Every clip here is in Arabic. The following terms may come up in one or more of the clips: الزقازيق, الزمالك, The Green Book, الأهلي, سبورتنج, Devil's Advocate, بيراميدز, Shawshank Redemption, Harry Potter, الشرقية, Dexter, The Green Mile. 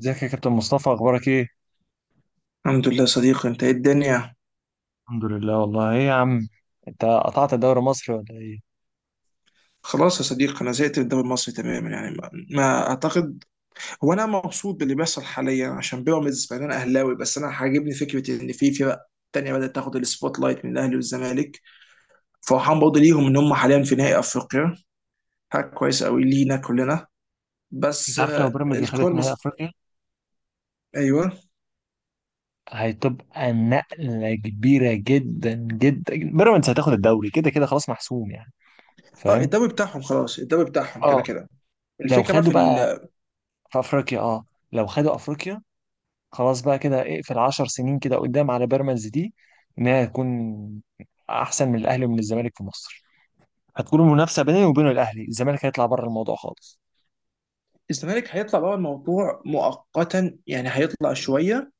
ازيك يا كابتن مصطفى، اخبارك ايه؟ الحمد لله يا صديقي، انت ايه الدنيا. الحمد لله والله، ايه يا عم. انت قطعت الدوري المصري ولا ايه؟ خلاص يا صديقي، انا زهقت من الدوري المصري تماما، يعني ما اعتقد. هو انا مبسوط باللي بيحصل حاليا عشان بيراميدز، مع ان انا اهلاوي، بس انا عاجبني فكره ان في فرق تانية بدأت تاخد السبوت لايت من الاهلي والزمالك. فرحان برضه ليهم ان هم حاليا في نهائي افريقيا. حاجه كويسه قوي لينا كلنا. بس انت عارف، لو بيراميدز دخلت نهائي افريقيا ايوه. هتبقى نقلة كبيرة جدا جدا، بيراميدز هتاخد الدوري كده كده، خلاص محسوم يعني. اه، فاهم؟ الدوري بتاعهم خلاص، الدوري بتاعهم كده اه. كده. لو الفكره بقى في خدوا بقى في افريقيا، لو خدوا افريقيا خلاص بقى كده، اقفل 10 سنين كده قدام على بيراميدز دي، انها تكون احسن من الاهلي ومن الزمالك في مصر. هتكون المنافسة بيني وبين الاهلي، الزمالك هيطلع بره الموضوع خالص. الزمالك هيطلع بره الموضوع مؤقتا، يعني هيطلع شويه،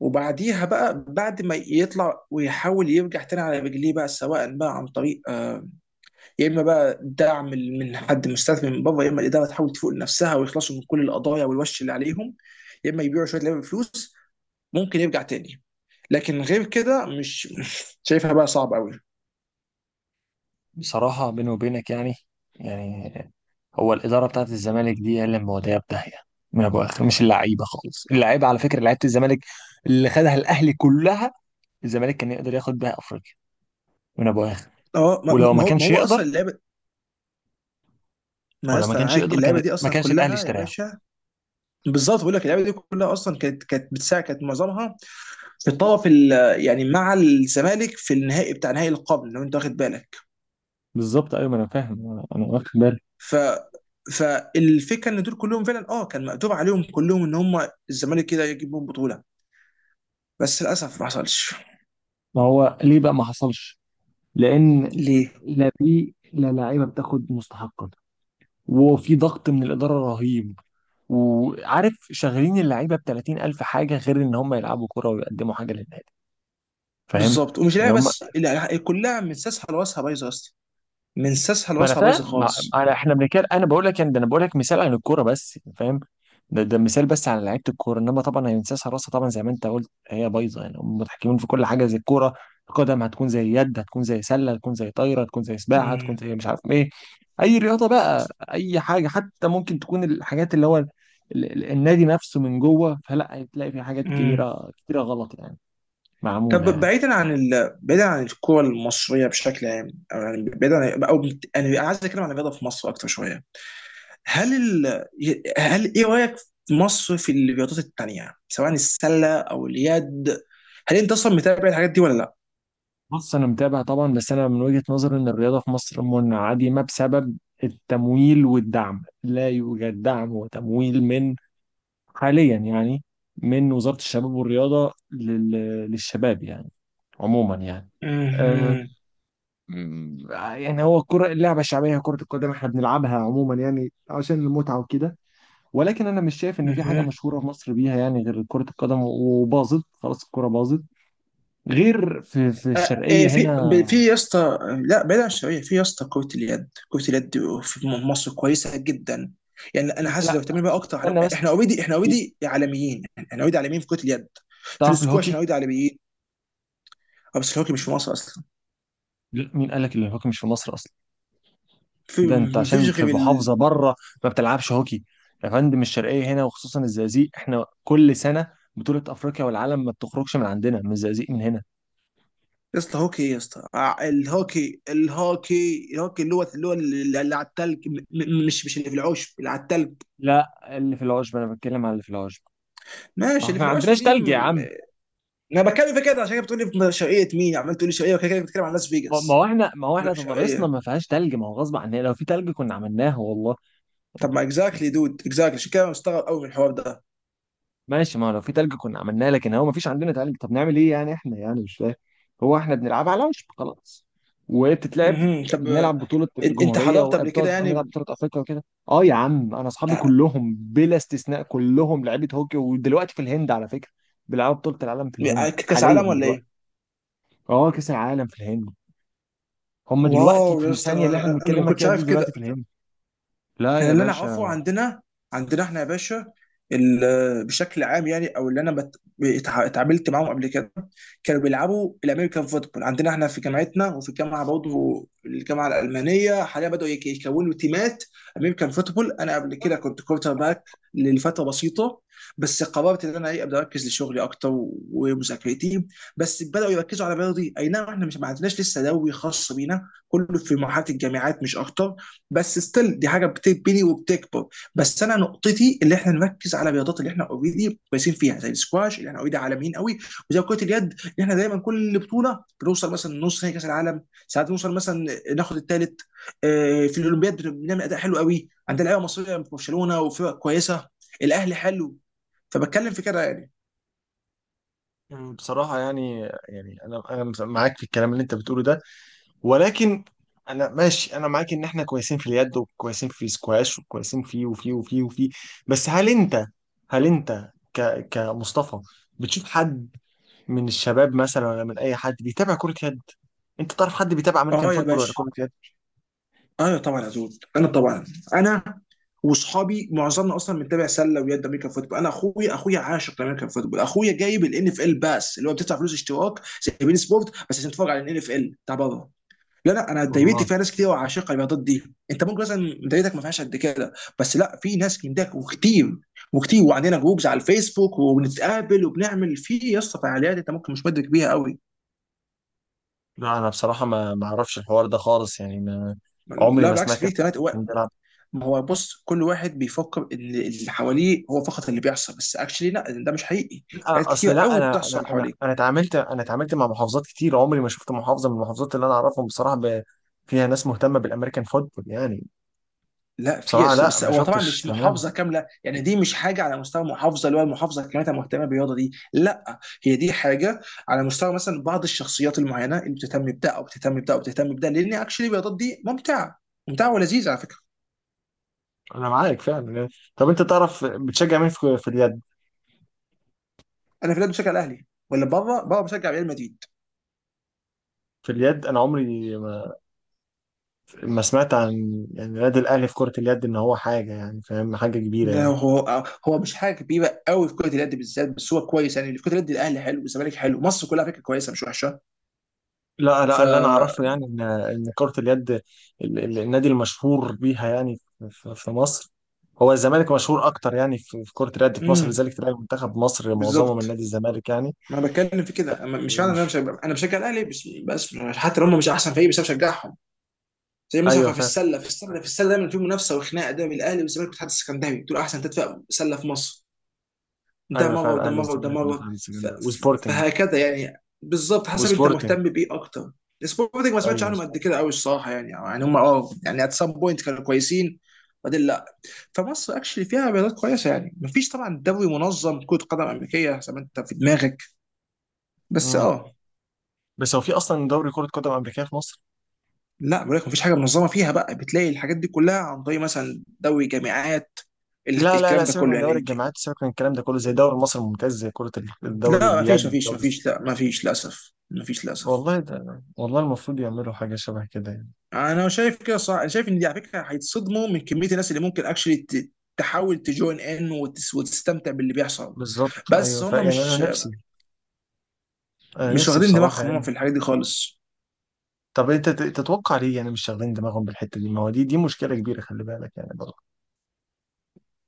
وبعديها بقى بعد ما يطلع ويحاول يرجع تاني على رجليه بقى، سواء بقى عن طريق يا اما بقى دعم من حد مستثمر من بره، يا اما الاداره تحاول تفوق نفسها ويخلصوا من كل القضايا والوش اللي عليهم، يا اما يبيعوا شويه لعيبه بفلوس ممكن يرجع تاني. لكن غير كده مش شايفها بقى، صعب قوي. بصراحة بيني وبينك يعني، يعني هو الإدارة بتاعت الزمالك دي هي اللي مودية في داهية من أبو آخر. مش اللعيبة خالص، اللعيبة على فكرة، لعيبة الزمالك اللي خدها الأهلي كلها. الزمالك كان يقدر ياخد بيها أفريقيا من أبو آخر. اه، ما ما- ولو ما ما هو ما كانش هو يقدر اصلا اللعبه. ما يا ولو ما اسطى أنا كانش معاك، يقدر اللعبه كان دي ما اصلا كانش الأهلي كلها يا اشتراها. باشا. بالظبط، بقول لك اللعبه دي كلها اصلا كانت بتساعد، كانت معظمها في يعني مع الزمالك في النهائي، بتاع نهائي القرن، لو انت واخد بالك. بالظبط أيوة، ما أنا فاهم، أنا واخد بالي. ف فالفكره ان دول كلهم فعلا، اه، كان مقدور عليهم كلهم، ان هم الزمالك كده يجيبهم بطوله. بس للاسف ما حصلش. ما هو ليه بقى ما حصلش؟ لأن ليه. لا، لعيبة بتاخد مستحقها، وفي ضغط من الإدارة رهيب، وعارف شغالين اللعيبه ب 30,000 حاجه غير ان هم يلعبوا كوره ويقدموا حاجه للنادي. فاهم؟ بالظبط، ومش يعني لاعب هم. بس، لا، كلها من ساسها لواسها بايظه اصلا. من ساسها ما انا لواسها فاهم، بايظه ما... خالص. انا، احنا بنتكلم، انا بقول لك ده، انا بقول لك مثال عن الكوره بس. فاهم؟ ده مثال بس على لعيبه الكوره، انما طبعا هي نسيان حراسه. طبعا زي ما انت قلت هي بايظه يعني، هم متحكمين في كل حاجه، زي الكوره، القدم هتكون زي يد، هتكون زي سله، هتكون زي طايره، هتكون زي سباحه، هتكون امم. زي مش عارف ايه، اي رياضه بقى، اي حاجه. حتى ممكن تكون الحاجات اللي هو النادي نفسه من جوه. فلا هتلاقي في حاجات امم. كبيره كتيره غلط يعني، معموله طب يعني. بعيدا عن ال... بعيدا عن الكره المصريه بشكل عام او يعني بعيدا عن... او بت- يعني انا عايز اتكلم عن الرياضه في مصر اكتر شويه. هل ال... هل ايه رايك في مصر في الرياضات التانيه، سواء السله او اليد؟ هل انت اصلا متابع الحاجات دي ولا لا؟ بص، انا متابع طبعا، بس انا من وجهة نظري ان الرياضه في مصر منعدمه بسبب التمويل والدعم. لا يوجد دعم وتمويل من، حاليا يعني، من وزارة الشباب والرياضه للشباب يعني، عموما يعني. آه. مهم. يعني هو الكرة اللعبة الشعبية، كرة القدم احنا بنلعبها عموما يعني عشان المتعة وكده، ولكن انا مش شايف ان في حاجة مهم. مشهورة في مصر بيها يعني غير كرة القدم، وباظت خلاص، الكرة باظت. غير في آه، إيه الشرقية في ب- هنا. في يا اسطى، لا بعيد عن الشويه، في يا اسطى كره اليد، كره اليد في مصر كويسه جدا. يعني انا حاسس لو لا لا. اهتمينا بقى في، اكتر، استنى بس، احنا اوريدي، احنا في، اوريدي عالميين احنا اوريدي عالميين في كره اليد. في تعرف السكواش الهوكي؟ احنا اوريدي عالميين. آه، بس الهوكي مش في مصر اصلا. لا، مين قال لك ان الهوكي مش في مصر اصلا؟ في ده انت عشان مفيش في غير. محافظه بره ما بتلعبش هوكي. يا فندم، الشرقيه هنا وخصوصا الزقازيق، احنا كل سنه بطوله افريقيا والعالم ما بتخرجش من عندنا، من الزقازيق، من هنا. يا اسطى هوكي ايه يا اسطى، آه، الهوكي اللي هو اللي على التلج، مش اللي في العشب، اللي على التلج. لا، اللي في العشب، انا بتكلم على اللي في العشب. ما ماشي، احنا اللي في ما العشب عندناش دي تلج يا م- م- عم. انا بتكلم في كده، عشان كده بتقول لي شرقيه، مين عمال تقول لي شرقيه، وكده كده بتتكلم عن لاس فيجاس. ما هو بقول احنا لك تضاريسنا شرقيه. ما فيهاش تلج، ما هو غصب عننا، لو في تلج كنا عملناه والله. طب ما اكزاكتلي دود، اكزاكتلي، عشان كده أنا مستغرب قوي من الحوار ده. ماشي، ما هو لو في تلج كنا عملناه، لكن هو ما فيش عندنا تلج. طب نعمل ايه يعني احنا، يعني مش فاهم. هو احنا بنلعب على وشب خلاص. مهم. طب آه، بنلعب بطولة انت الجمهورية، حضرت قبل وبتقعد كده نلعب يعني؟ بطولة أفريقيا وكده. اه يا عم، أنا أصحابي آه، كلهم بلا استثناء كلهم لعيبة هوكي، ودلوقتي في الهند على فكرة بيلعبوا بطولة العالم في الهند كاس عالم حاليا ولا دلوقتي. ايه؟ اه، كأس العالم في الهند. هم دلوقتي واو في يا اسطى، الثانية اللي احنا انا ما بنتكلم كنتش فيها دي عارف دلوقتي كده. في الهند. لا انا يا اللي انا اعرفه باشا. عندنا، عندنا احنا يا باشا، بشكل عام، يعني او اللي انا اتعاملت معاهم قبل كده كانوا بيلعبوا الامريكان فوتبول عندنا احنا في جامعتنا، وفي الجامعه برضه، الجامعه الالمانيه، حاليا بداوا يكونوا تيمات امريكان فوتبول. انا قبل كده كنت كورتر باك لفتره بسيطه، بس قررت ان انا، ايه، ابدا اركز لشغلي اكتر ومذاكرتي. بس بداوا يركزوا على رياضي. اي نعم احنا مش، ما عندناش لسه دوري خاص بينا، كله في مرحله الجامعات مش اكتر، بس ستيل دي حاجه بتبني وبتكبر. بس انا نقطتي اللي احنا نركز على الرياضات اللي احنا اوريدي كويسين فيها، زي السكواش اللي احنا اوريدي عالميين قوي، وزي كره اليد اللي احنا دايما كل بطوله بنوصل مثلا نص نهائي كاس العالم، ساعات بنوصل مثلا ناخد الثالث. في الاولمبياد بنعمل اداء حلو قوي، عندنا لعيبه مصريه في برشلونه وفرق كويسه، الاهلي حلو. فبتكلم في كده يعني. بصراحة يعني، أنا معاك في الكلام اللي أنت بتقوله ده، ولكن انا ماشي، انا معاك ان احنا كويسين في اليد، وكويسين في السكواش، وكويسين في وفي وفي وفي بس هل انت، كمصطفى بتشوف حد من الشباب مثلا، ولا من اي حد بيتابع كرة يد؟ انت تعرف حد بيتابع امريكان اه يا فوتبول ولا باشا، كرة يد؟ اه طبعا يا زود، انا طبعا انا وصحابي معظمنا اصلا متابع سله ويد، امريكان فوتبول. انا اخويا، اخويا عاشق لامريكان فوتبول، اخويا جايب الان اف ال باس اللي هو بتدفع فلوس اشتراك زي بين سبورت، بس عشان تتفرج على الان اف ال بتاع بره. لا لا، انا دايرتي والله فيها ناس كتير وعاشقه الرياضات دي. انت ممكن مثلا دايرتك ما فيهاش قد كده، بس لا، في ناس من ده، وكتير وكتير، وعندنا جروبز على الفيسبوك وبنتقابل وبنعمل في يا اسطى فعاليات انت ممكن مش مدرك بيها قوي. لا، انا بصراحة ما اعرفش الحوار ده خالص يعني، ما عمري لا ما بالعكس، سمعت في ان حد كان اهتمامات. بيلعب. ما هو بص، كل واحد بيفكر ان اللي حواليه هو فقط اللي بيحصل، بس اكشلي لا، ده مش حقيقي. حاجات لا اصل، كتير لا، قوي انا انا بتحصل انا حواليك. انا اتعاملت، اتعاملت مع محافظات كتير. عمري ما شفت محافظه من المحافظات اللي انا اعرفهم بصراحه فيها ناس مهتمه بالامريكان فوتبول يعني. لا في بصراحه يس- لا، بس ما هو طبعا شفتش. مش تمام، محافظه كامله، يعني دي مش حاجه على مستوى محافظه، اللي هو المحافظه كاملتها مهتمه بالرياضه دي، لا. هي دي حاجه على مستوى مثلا بعض الشخصيات المعينه اللي بتهتم بده او بتهتم بده او بتهتم بده، لان اكشلي الرياضات دي ممتعه، ممتعه ولذيذه على فكره. انا معاك فعلا. طب انت تعرف بتشجع مين في اليد؟ انا في البلاد بشجع الاهلي، ولا بره، بره بشجع ريال مدريد. في اليد انا عمري ما سمعت عن يعني نادي الاهلي في كره اليد ان هو حاجه يعني، فاهم، حاجه كبيره لا يعني. هو، هو مش حاجه كبيره قوي في كره اليد بالذات، بس هو كويس، يعني في كره اليد الاهلي حلو والزمالك حلو، مصر كلها على فكره كويسه مش وحشه. لا ف لا، اللي انا اعرفه يعني ان كرة اليد، النادي المشهور بيها يعني في مصر هو الزمالك. مشهور اكتر يعني في كرة اليد في مصر، امم، لذلك تلاقي منتخب مصر معظمه من بالظبط. نادي الزمالك يعني. ما أنا بتكلم في كده. مش معنى ان انا ومش مش، انا بشجع الاهلي بس، بس حتى لو هم مش احسن فريق، بس انا بشجعهم. زي ايوه مثلا في فعلا. السله، في السله دايما في منافسه وخناقه دايما بين الاهلي والزمالك والاتحاد السكندري، دول احسن ثلاث فرق سله في مصر. ده ايوه مره فعلا، وده اهلي مره وده والزمالك مره، والاتحاد السكندري وسبورتنج، فهكذا يعني، بالظبط حسب انت وسبورتنج. مهتم بايه اكتر. سبورتنج ما سمعتش ايوه عنهم قد سبورتنج. كده قوي الصراحه، يعني يعني هم اه، يعني ات سام بوينت كانوا كويسين. بعدين لا. فمصر اكشلي فيها رياضات كويسه، يعني مفيش طبعا دوري منظم كره قدم امريكيه زي ما انت في دماغك، بس امم اه. بس هو في اصلا دوري كرة قدم امريكيه في مصر؟ لا بقول لك مفيش حاجه منظمه فيها بقى، بتلاقي الحاجات دي كلها عن طريق مثلا دوري جامعات، ال- لا لا لا، الكلام ده سيبك من كله يعني دوري الج- الجامعات، سيبك من الكلام ده كله، زي دوري مصر الممتاز، زي كرة الدوري، لا مفيش اليد، مفيش دوري مفيش لا مفيش للاسف مفيش للاسف. والله، ده والله المفروض يعملوا حاجة شبه كده يعني. انا شايف كده صح، شايف ان دي على فكره هيتصدموا من كميه الناس اللي ممكن اكشلي تحاول وتستمتع باللي بيحصل. بالظبط ايوه، بس هم يعني انا مش، نفسي، انا مش نفسي واخدين بصراحه دماغهم هم يعني. في الحاجات دي خالص. طب انت تتوقع ليه يعني مش شاغلين دماغهم بالحته دي؟ ما هو دي مشكله كبيره، خلي بالك يعني برضه.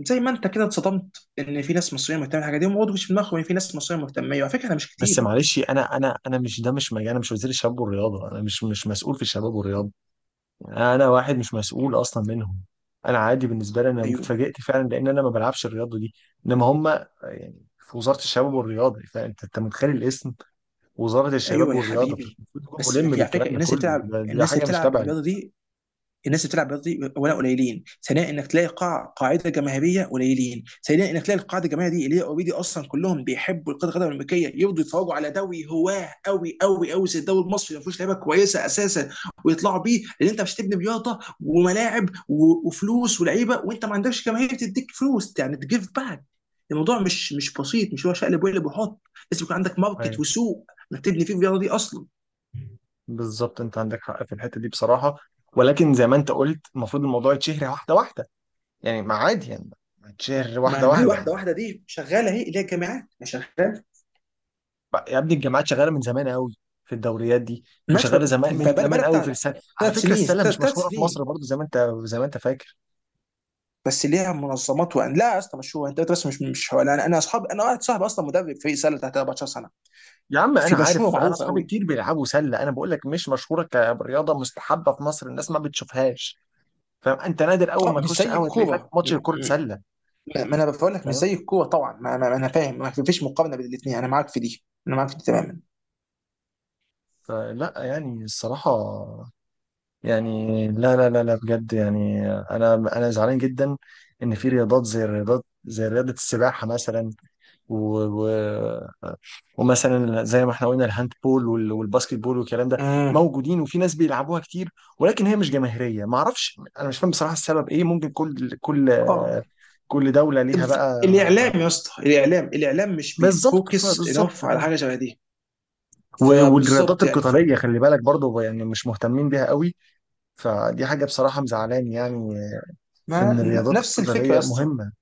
زي ما انت كده اتصدمت ان في ناس مصريه مهتمه بالحاجه دي، هم برضه مش في دماغهم ان في ناس مصريه مهتمه، وعلى فكره انا مش كتير بس برضه. معلش، انا مش، ده مش مجال، انا مش وزير الشباب والرياضه، انا مش مسؤول في الشباب والرياضه، يعني انا واحد مش مسؤول اصلا منهم. انا عادي بالنسبه لي، انا ايوه. اتفاجئت فعلا لان انا ما بلعبش الرياضه دي، انما هم يعني في وزاره الشباب والرياضه. فانت متخيل الاسم، وزاره الشباب ايوه يا والرياضه، حبيبي، فالمفروض تكون بس ما ملم في على بالكلام فكره ده الناس اللي كله. بتلعب، ده الناس اللي حاجه مش بتلعب تبعي. بالرياضه دي، الناس اللي بتلعب رياضي، اولا قليلين، ثانيا انك تلاقي قاعده جماهيريه قليلين، ثالثا انك تلاقي القاعده الجماهيريه دي اللي هي اوريدي اصلا كلهم بيحبوا كره القدم الامريكيه، يرضوا يتفرجوا على دوري هواه قوي قوي قوي زي الدوري المصري ما فيهوش لعيبه كويسه اساسا ويطلعوا بيه، لان انت مش تبني رياضه وملاعب وفلوس ولعيبه وانت ما عندكش جماهير تديك فلوس، يعني تجيف باك. الموضوع مش، مش بسيط، مش هو شقلب وقلب وحط. لازم يكون عندك ماركت أيوة. وسوق انك تبني فيه الرياضه دي اصلا. بالظبط، انت عندك حق في الحته دي بصراحه، ولكن زي ما انت قلت المفروض الموضوع يتشهر واحده واحده يعني، ما عادي يعني، ما يتشهر واحده ما واحده الواحده يعني. واحده دي شغاله اهي، اللي هي الجامعات ما شغاله. يا ابني، الجامعات شغاله من زمان قوي في الدوريات دي، ماشي. وشغاله زمان، بقى من زمان بقى قوي في بتاع السله على ثلاث فكره. سنين، السله ثلاث مش ثلاث مشهوره في مصر سنين، برضو، زي ما انت فاكر. بس ليها منظمات. وان لا يا اسطى مشهوره، انت بس مش هو، انا اصحاب، انا واحد صاحبي اصلا مدرب فريق سله تحت 14 سنه. يا عم في انا مشهوره عارف، انا معروفه اصحابي قوي. كتير بيلعبوا سله، انا بقول لك مش مشهوره كرياضه مستحبه في مصر، الناس ما بتشوفهاش. فاهم؟ انت نادر اول اه ما مش تخش زي قهوه تلاقي فاتح الكوره ماتش كره سله. ما انا بقول لك مش فاهم؟ زي الكوره طبعا، ما انا فاهم ما فيش مقارنه بين الاثنين، انا معاك في دي، انا معاك في دي تماما. فلا يعني الصراحه، يعني لا لا لا لا، بجد يعني انا زعلان جدا ان في رياضات زي، الرياضات زي رياضه السباحه مثلا، و... و... ومثلا زي ما احنا قلنا الهاند بول والباسكت بول والكلام ده، امم. موجودين وفي ناس بيلعبوها كتير، ولكن هي مش جماهيريه ما اعرفش. انا مش فاهم بصراحه السبب ايه، ممكن كل اه. كل دوله طب ليها بقى. الاعلام يا اسطى، الاعلام مش بالظبط، بيفوكس بالظبط. انف على حاجه شبه دي. والرياضات فبالظبط يعني ف... القتاليه خلي بالك برضو، يعني مش مهتمين بيها قوي، فدي حاجه بصراحه مزعلاني يعني ما ان الرياضات نفس الفكره يا القتاليه اسطى، مهمه،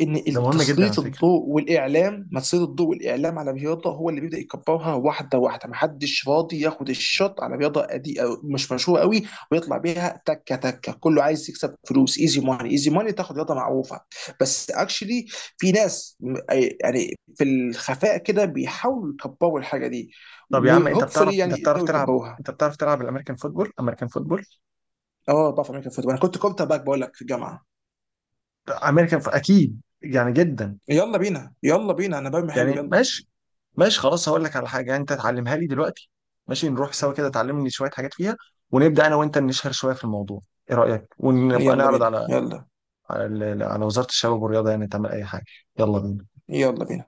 ان ده مهم جدا على تسليط فكره. الضوء والاعلام، ما تسليط الضوء والاعلام على رياضه هو اللي بيبدا يكبرها واحده واحده، محدش راضي ياخد الشوت على رياضه قدي أو مش مشهوره قوي ويطلع بيها تكه تكه، كله عايز يكسب فلوس ايزي ماني. ايزي ماني تاخد رياضه معروفه، بس اكشلي في ناس يعني في الخفاء كده بيحاولوا يكبروا الحاجه دي، طب يا عم، انت وهوبفully بتعرف، يعني يقدروا تلعب، يكبروها. انت بتعرف تلعب الامريكان فوتبول؟ امريكان فوتبول، اه بعرف امريكا فوتبول، انا كنت كورتر باك بقول لك في الجامعه. اكيد يعني جدا. يلا بينا، يلا بينا، انا برمي حلو، يعني يلا. ماشي، ماشي خلاص، هقول لك على حاجه يعني انت تعلمها لي دلوقتي. ماشي، نروح سوا كده تعلمني شويه حاجات فيها، ونبدا انا وانت نشهر شويه في الموضوع. ايه رايك؟ ونبقى يلا نعرض بينا، يلا. على، على وزاره الشباب والرياضه يعني تعمل اي حاجه. يلا بينا. يلا بينا.